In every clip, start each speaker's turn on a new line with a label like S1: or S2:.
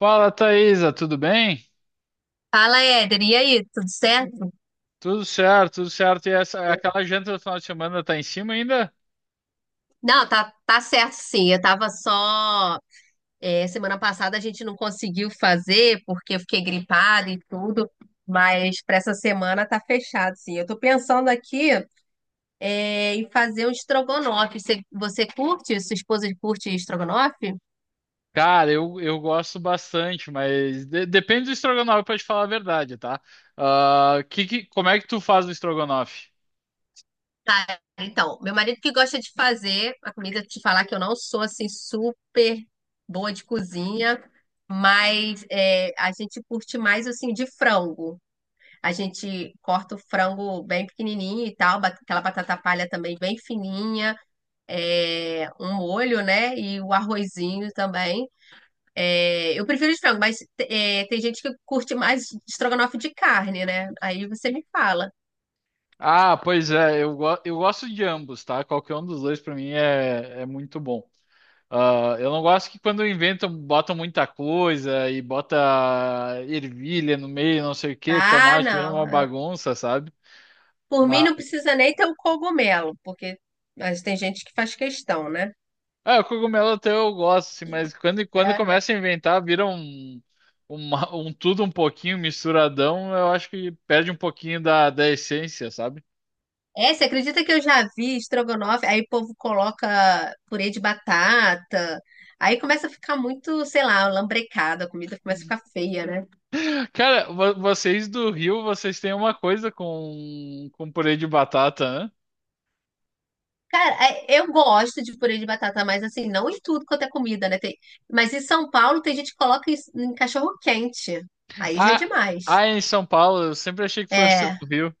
S1: Fala, Thaisa, tudo bem?
S2: Fala, Éder, e aí, tudo certo?
S1: Tudo certo, tudo certo. E essa, aquela janta do final de semana tá em cima ainda?
S2: Não, tá, tá certo sim. Eu tava só. Semana passada a gente não conseguiu fazer porque eu fiquei gripada e tudo, mas para essa semana tá fechado sim. Eu tô pensando aqui em fazer um estrogonofe. Você curte? Sua esposa curte estrogonofe?
S1: Cara, eu gosto bastante, mas depende do estrogonofe pra te falar a verdade, tá? Ah, como é que tu faz o estrogonofe?
S2: Tá, então, meu marido que gosta de fazer a comida, te falar que eu não sou assim super boa de cozinha, mas a gente curte mais assim de frango. A gente corta o frango bem pequenininho e tal, aquela batata palha também bem fininha, um molho, né? E o arrozinho também. É, eu prefiro de frango, mas tem gente que curte mais estrogonofe de carne, né? Aí você me fala.
S1: Ah, pois é, eu gosto de ambos, tá? Qualquer um dos dois pra mim é muito bom. Ah, eu não gosto que quando inventam, botam muita coisa e bota ervilha no meio, não sei o que,
S2: Ah,
S1: tomate, vira
S2: não.
S1: uma
S2: É.
S1: bagunça, sabe?
S2: Por mim não precisa nem ter o cogumelo, porque mas tem gente que faz questão, né?
S1: Ah, o cogumelo até eu gosto, assim, mas quando começa a inventar, vira um tudo um pouquinho misturadão, eu acho que perde um pouquinho da essência, sabe?
S2: É, você acredita que eu já vi estrogonofe? Aí o povo coloca purê de batata. Aí começa a ficar muito, sei lá, lambrecada, a comida começa a ficar feia, né?
S1: Cara, vocês do Rio, vocês têm uma coisa com purê de batata, né?
S2: Cara, eu gosto de purê de batata, mas assim, não em tudo quanto é comida, né? Tem... Mas em São Paulo tem gente que coloca isso em cachorro quente. Aí já é
S1: Ah,
S2: demais.
S1: ah, em São Paulo, eu sempre achei que fosse
S2: É,
S1: do Rio.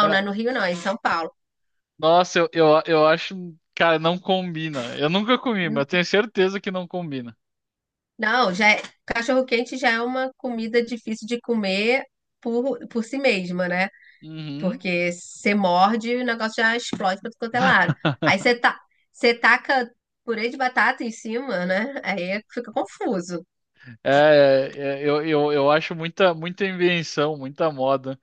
S1: É,
S2: não é no Rio, não, é em São Paulo.
S1: nossa, eu acho, cara, não combina. Eu nunca comi, mas
S2: N-
S1: tenho certeza que não combina.
S2: Não, já é... cachorro quente já é uma comida difícil de comer por si mesma, né?
S1: Uhum.
S2: Porque você morde e o negócio já explode para é lado. Aí você, tá você taca purê de batata em cima, né? Aí fica confuso.
S1: É, é, É, eu acho muita, muita invenção, muita moda.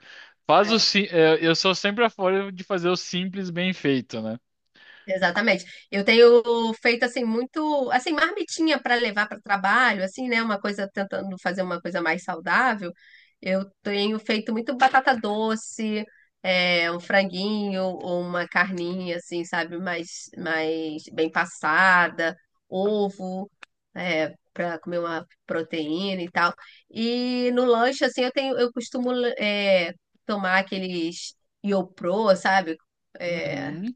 S1: Faz eu sou sempre a favor de fazer o simples bem feito, né?
S2: Exatamente. Eu tenho feito assim muito, assim, marmitinha para levar para o trabalho, assim, né, uma coisa tentando fazer uma coisa mais saudável. Eu tenho feito muito batata doce, um franguinho ou uma carninha assim, sabe, mais mais bem passada, ovo, para comer uma proteína e tal. E no lanche assim, eu costumo é, tomar aqueles Iopro, sabe? É,
S1: Uhum.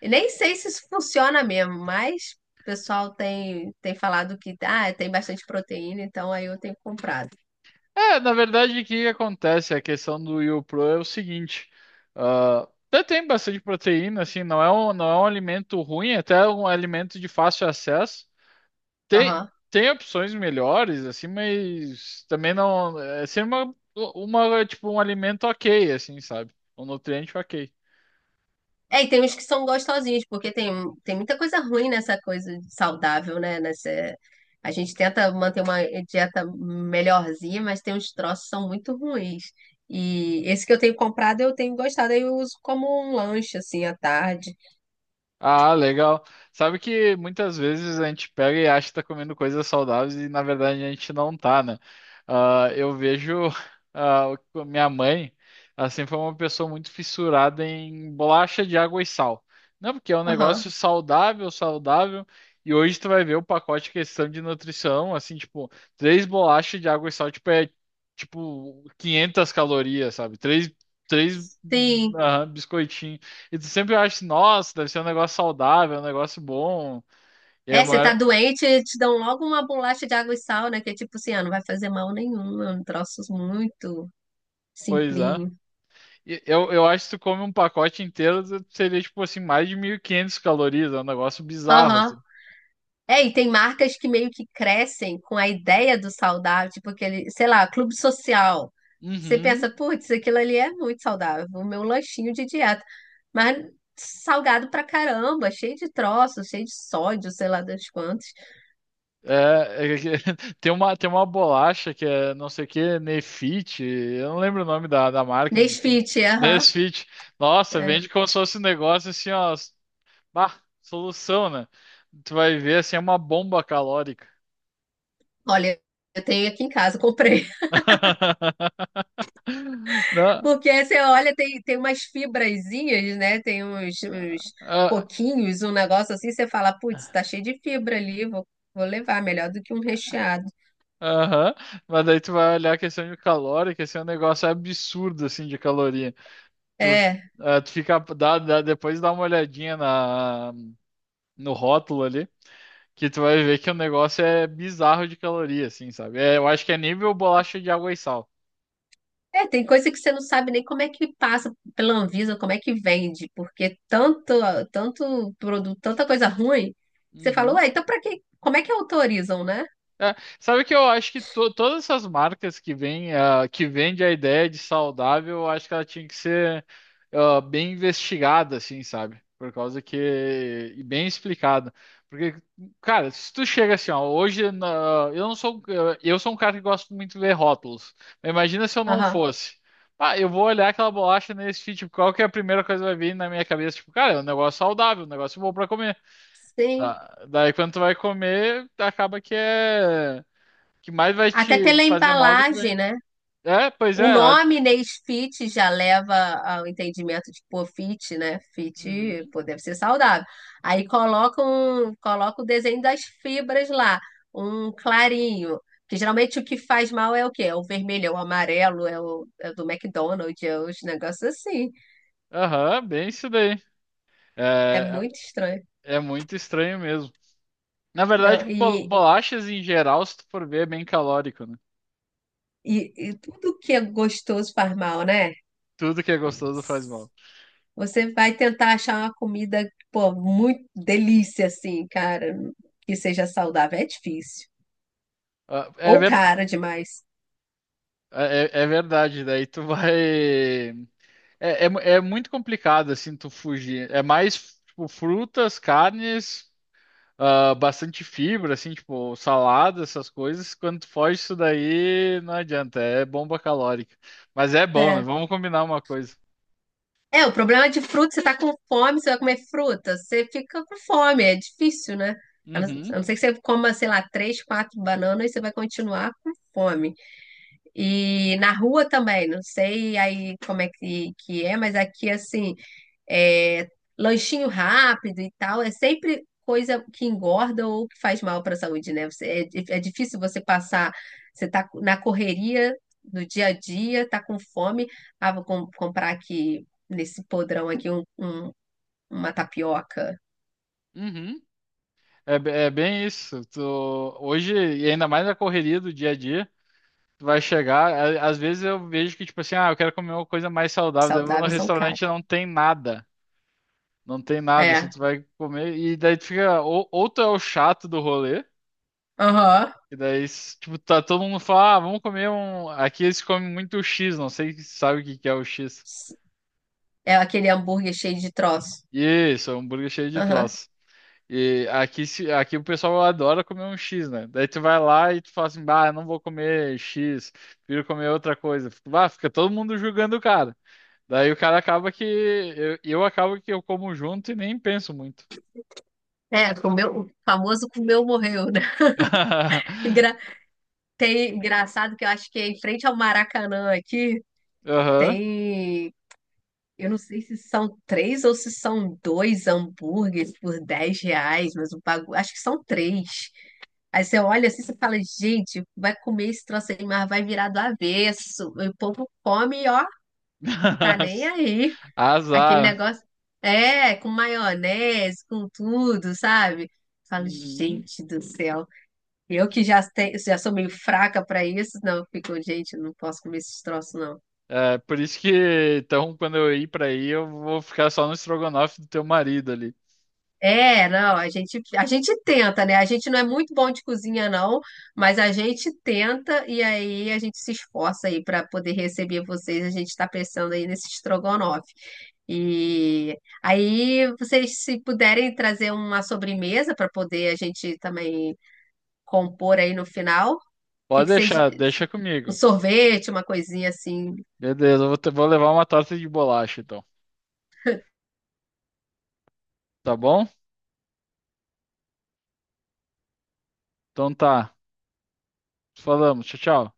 S2: eu nem sei se isso funciona mesmo, mas o pessoal tem, falado que ah, tem bastante proteína, então aí eu tenho comprado.
S1: É, na verdade, o que que acontece? A questão do YoPro é o seguinte: ah, até tem bastante proteína, assim, não é um alimento ruim, até é um alimento de fácil acesso. Tem,
S2: Aham.
S1: Tem opções melhores, assim, mas também não. É sempre tipo, um alimento ok, assim, sabe? Um nutriente ok.
S2: É, e tem uns que são gostosinhos, porque tem, tem muita coisa ruim nessa coisa de saudável, né? Nessa, a gente tenta manter uma dieta melhorzinha, mas tem uns troços que são muito ruins. E esse que eu tenho comprado, eu tenho gostado, aí eu uso como um lanche, assim, à tarde.
S1: Ah, legal. Sabe que muitas vezes a gente pega e acha que tá comendo coisas saudáveis e na verdade a gente não tá, né? Ah, eu vejo ah, minha mãe, assim foi uma pessoa muito fissurada em bolacha de água e sal. Não, porque é um
S2: Aham.
S1: negócio saudável, saudável. E hoje tu vai ver o pacote de questão de nutrição, assim, tipo, três bolachas de água e sal, tipo, tipo 500 calorias, sabe? Três, três
S2: Sim.
S1: ah, biscoitinhos. E tu sempre acha, nossa, deve ser um negócio saudável, um negócio bom. E é a
S2: É, você tá
S1: maior.
S2: doente, te dão logo uma bolacha de água e sal, né? Que é tipo assim, ah, não vai fazer mal nenhum, é um troço muito
S1: Pois é.
S2: simplinho.
S1: E eu acho que tu come um pacote inteiro, seria tipo assim, mais de 1.500 calorias. É um negócio bizarro,
S2: Aham.
S1: assim.
S2: É, e tem marcas que meio que crescem com a ideia do saudável, tipo aquele, sei lá, Clube Social. Você
S1: Uhum.
S2: pensa, putz, aquilo ali é muito saudável, o meu lanchinho de dieta. Mas salgado pra caramba, cheio de troços, cheio de sódio, sei lá das quantas.
S1: É, é que- tem uma bolacha que é não sei o que, Nefit, eu não lembro o nome da marca, enfim.
S2: Nesfit, aham.
S1: Nesfit. Nossa,
S2: É.
S1: vende como se fosse um negócio assim, ó. Bah, solução, né? Tu vai ver assim, é uma bomba calórica.
S2: Olha, eu tenho aqui em casa, comprei.
S1: Não,
S2: Porque você olha, tem, umas fibrazinhas, né? Tem uns, uns
S1: ah,
S2: coquinhos, um negócio assim, você fala, putz, tá cheio de fibra ali, vou, levar, melhor do que um recheado.
S1: aham, mas daí tu vai olhar a questão de calórica, que esse é um negócio absurdo, assim, de caloria. Tu,
S2: É,
S1: ah, tu fica, depois dá uma olhadinha na, no rótulo ali, que tu vai ver que o negócio é bizarro de caloria, assim, sabe? É, eu acho que é nível bolacha de água e sal.
S2: é, tem coisa que você não sabe nem como é que passa pela Anvisa, como é que vende, porque tanto, produto, tanta coisa ruim, você fala,
S1: Uhum.
S2: ué, então pra que, como é que autorizam, né?
S1: É, sabe que eu acho que todas essas marcas que vêm, ah, que vende a ideia de saudável, eu acho que ela tinha que ser, ah, bem investigada, assim, sabe? Por causa que. E bem explicada. Porque, cara, se tu chega assim, ó, eu não sou. Eu sou um cara que gosto muito de ver rótulos. Mas imagina se eu não
S2: Aham,
S1: fosse. Ah, eu vou olhar aquela bolacha nesse fit, tipo, qual que é a primeira coisa que vai vir na minha cabeça? Tipo, cara, é um negócio saudável, um negócio bom pra comer.
S2: sim.
S1: Ah, daí quando tu vai comer, acaba que que mais vai
S2: Até
S1: te
S2: pela
S1: fazer mal do que
S2: embalagem,
S1: bem.
S2: né?
S1: É, pois
S2: O
S1: é. A-
S2: nome Inês Fit já leva ao entendimento de, pô, fit, né? Fit,
S1: Uhum.
S2: pô, deve ser saudável. Aí coloca, um, coloca o desenho das fibras lá, um clarinho. Que geralmente o que faz mal é o quê? É o vermelho, é o amarelo, é o do McDonald's, é os negócios assim.
S1: Aham, bem isso daí.
S2: É
S1: É,
S2: muito estranho.
S1: é é muito estranho mesmo. Na
S2: Não,
S1: verdade,
S2: e,
S1: bolachas em geral, se tu for ver, é bem calórico, né?
S2: e, e tudo que é gostoso faz mal, né?
S1: Tudo que é gostoso faz mal.
S2: Você vai tentar achar uma comida, pô, muito delícia, assim, cara, que seja saudável. É difícil.
S1: Ah, é,
S2: Ou cara demais.
S1: é, é é verdade, daí tu vai. É muito complicado, assim, tu fugir. É mais, tipo, frutas, carnes, ah, bastante fibra, assim, tipo salada, essas coisas. Quando tu foge disso daí, não adianta, é bomba calórica. Mas é bom, né?
S2: É.
S1: Vamos combinar uma coisa.
S2: É, o problema é de fruta, você tá com fome, você vai comer fruta, você fica com fome, é difícil, né?
S1: Uhum,
S2: A não ser que você coma, sei lá, 3, 4 bananas e você vai continuar com fome. E na rua também, não sei aí como é que é, mas aqui, assim, é, lanchinho rápido e tal, é sempre coisa que engorda ou que faz mal para a saúde, né? É difícil você passar, você tá na correria do dia a dia, tá com fome, ah, comprar aqui nesse podrão aqui uma tapioca
S1: uhum. É, é bem isso. Tu, hoje, e ainda mais na correria do dia a dia, tu vai chegar. A- Às vezes eu vejo que, tipo assim, ah, eu quero comer uma coisa mais saudável. Daí eu vou no
S2: saudável e são
S1: restaurante e
S2: caros.
S1: não tem nada. Não tem nada, assim,
S2: É,
S1: tu vai comer. E daí tu fica. Ou tu é o chato do rolê.
S2: aham.
S1: E daí, tipo, tá todo mundo fala, ah, vamos comer um. Aqui eles comem muito X, não sei se sabe o que que é o X.
S2: É aquele hambúrguer cheio de troço.
S1: Isso, é um hambúrguer cheio de
S2: Aham.
S1: troço. E aqui, aqui o pessoal adora comer um X, né? Daí tu vai lá e tu fala assim, bah, eu não vou comer X, prefiro comer outra coisa. Fica- Bah, fica todo mundo julgando o cara. Daí o cara acaba que. Eu acabo que eu como junto e nem penso muito.
S2: É, comeu, o famoso comeu, morreu, né? Engra- Tem, engraçado que eu acho que é em frente ao Maracanã aqui.
S1: Aham.
S2: Tem, eu não sei se são 3 ou se são 2 hambúrgueres por 10 reais, mas o bagulho, acho que são 3. Aí você olha assim, você fala, gente, vai comer esse troço aí, mas vai virar do avesso. E o povo come, ó, tá nem aí. Aquele
S1: Azar.
S2: negócio, é, com maionese, com tudo, sabe? Falo,
S1: Uhum.
S2: gente do céu. Eu que já, já sou meio fraca pra isso, não, eu fico, gente, eu não posso comer esses troços.
S1: É, por isso que, então, quando eu ir pra aí, eu vou ficar só no estrogonofe do teu marido ali.
S2: É, não, a gente tenta, né? A gente não é muito bom de cozinha, não, mas a gente tenta e aí a gente se esforça aí para poder receber vocês. A gente está pensando aí nesse estrogonofe. E aí, vocês, se puderem trazer uma sobremesa para poder a gente também compor aí no final, o que
S1: Pode
S2: que vocês.
S1: deixar, deixa
S2: Um
S1: comigo.
S2: sorvete, uma coisinha assim
S1: Beleza, eu vou, vou levar uma torta de bolacha, então. Tá bom? Então tá. Falamos. Tchau, tchau.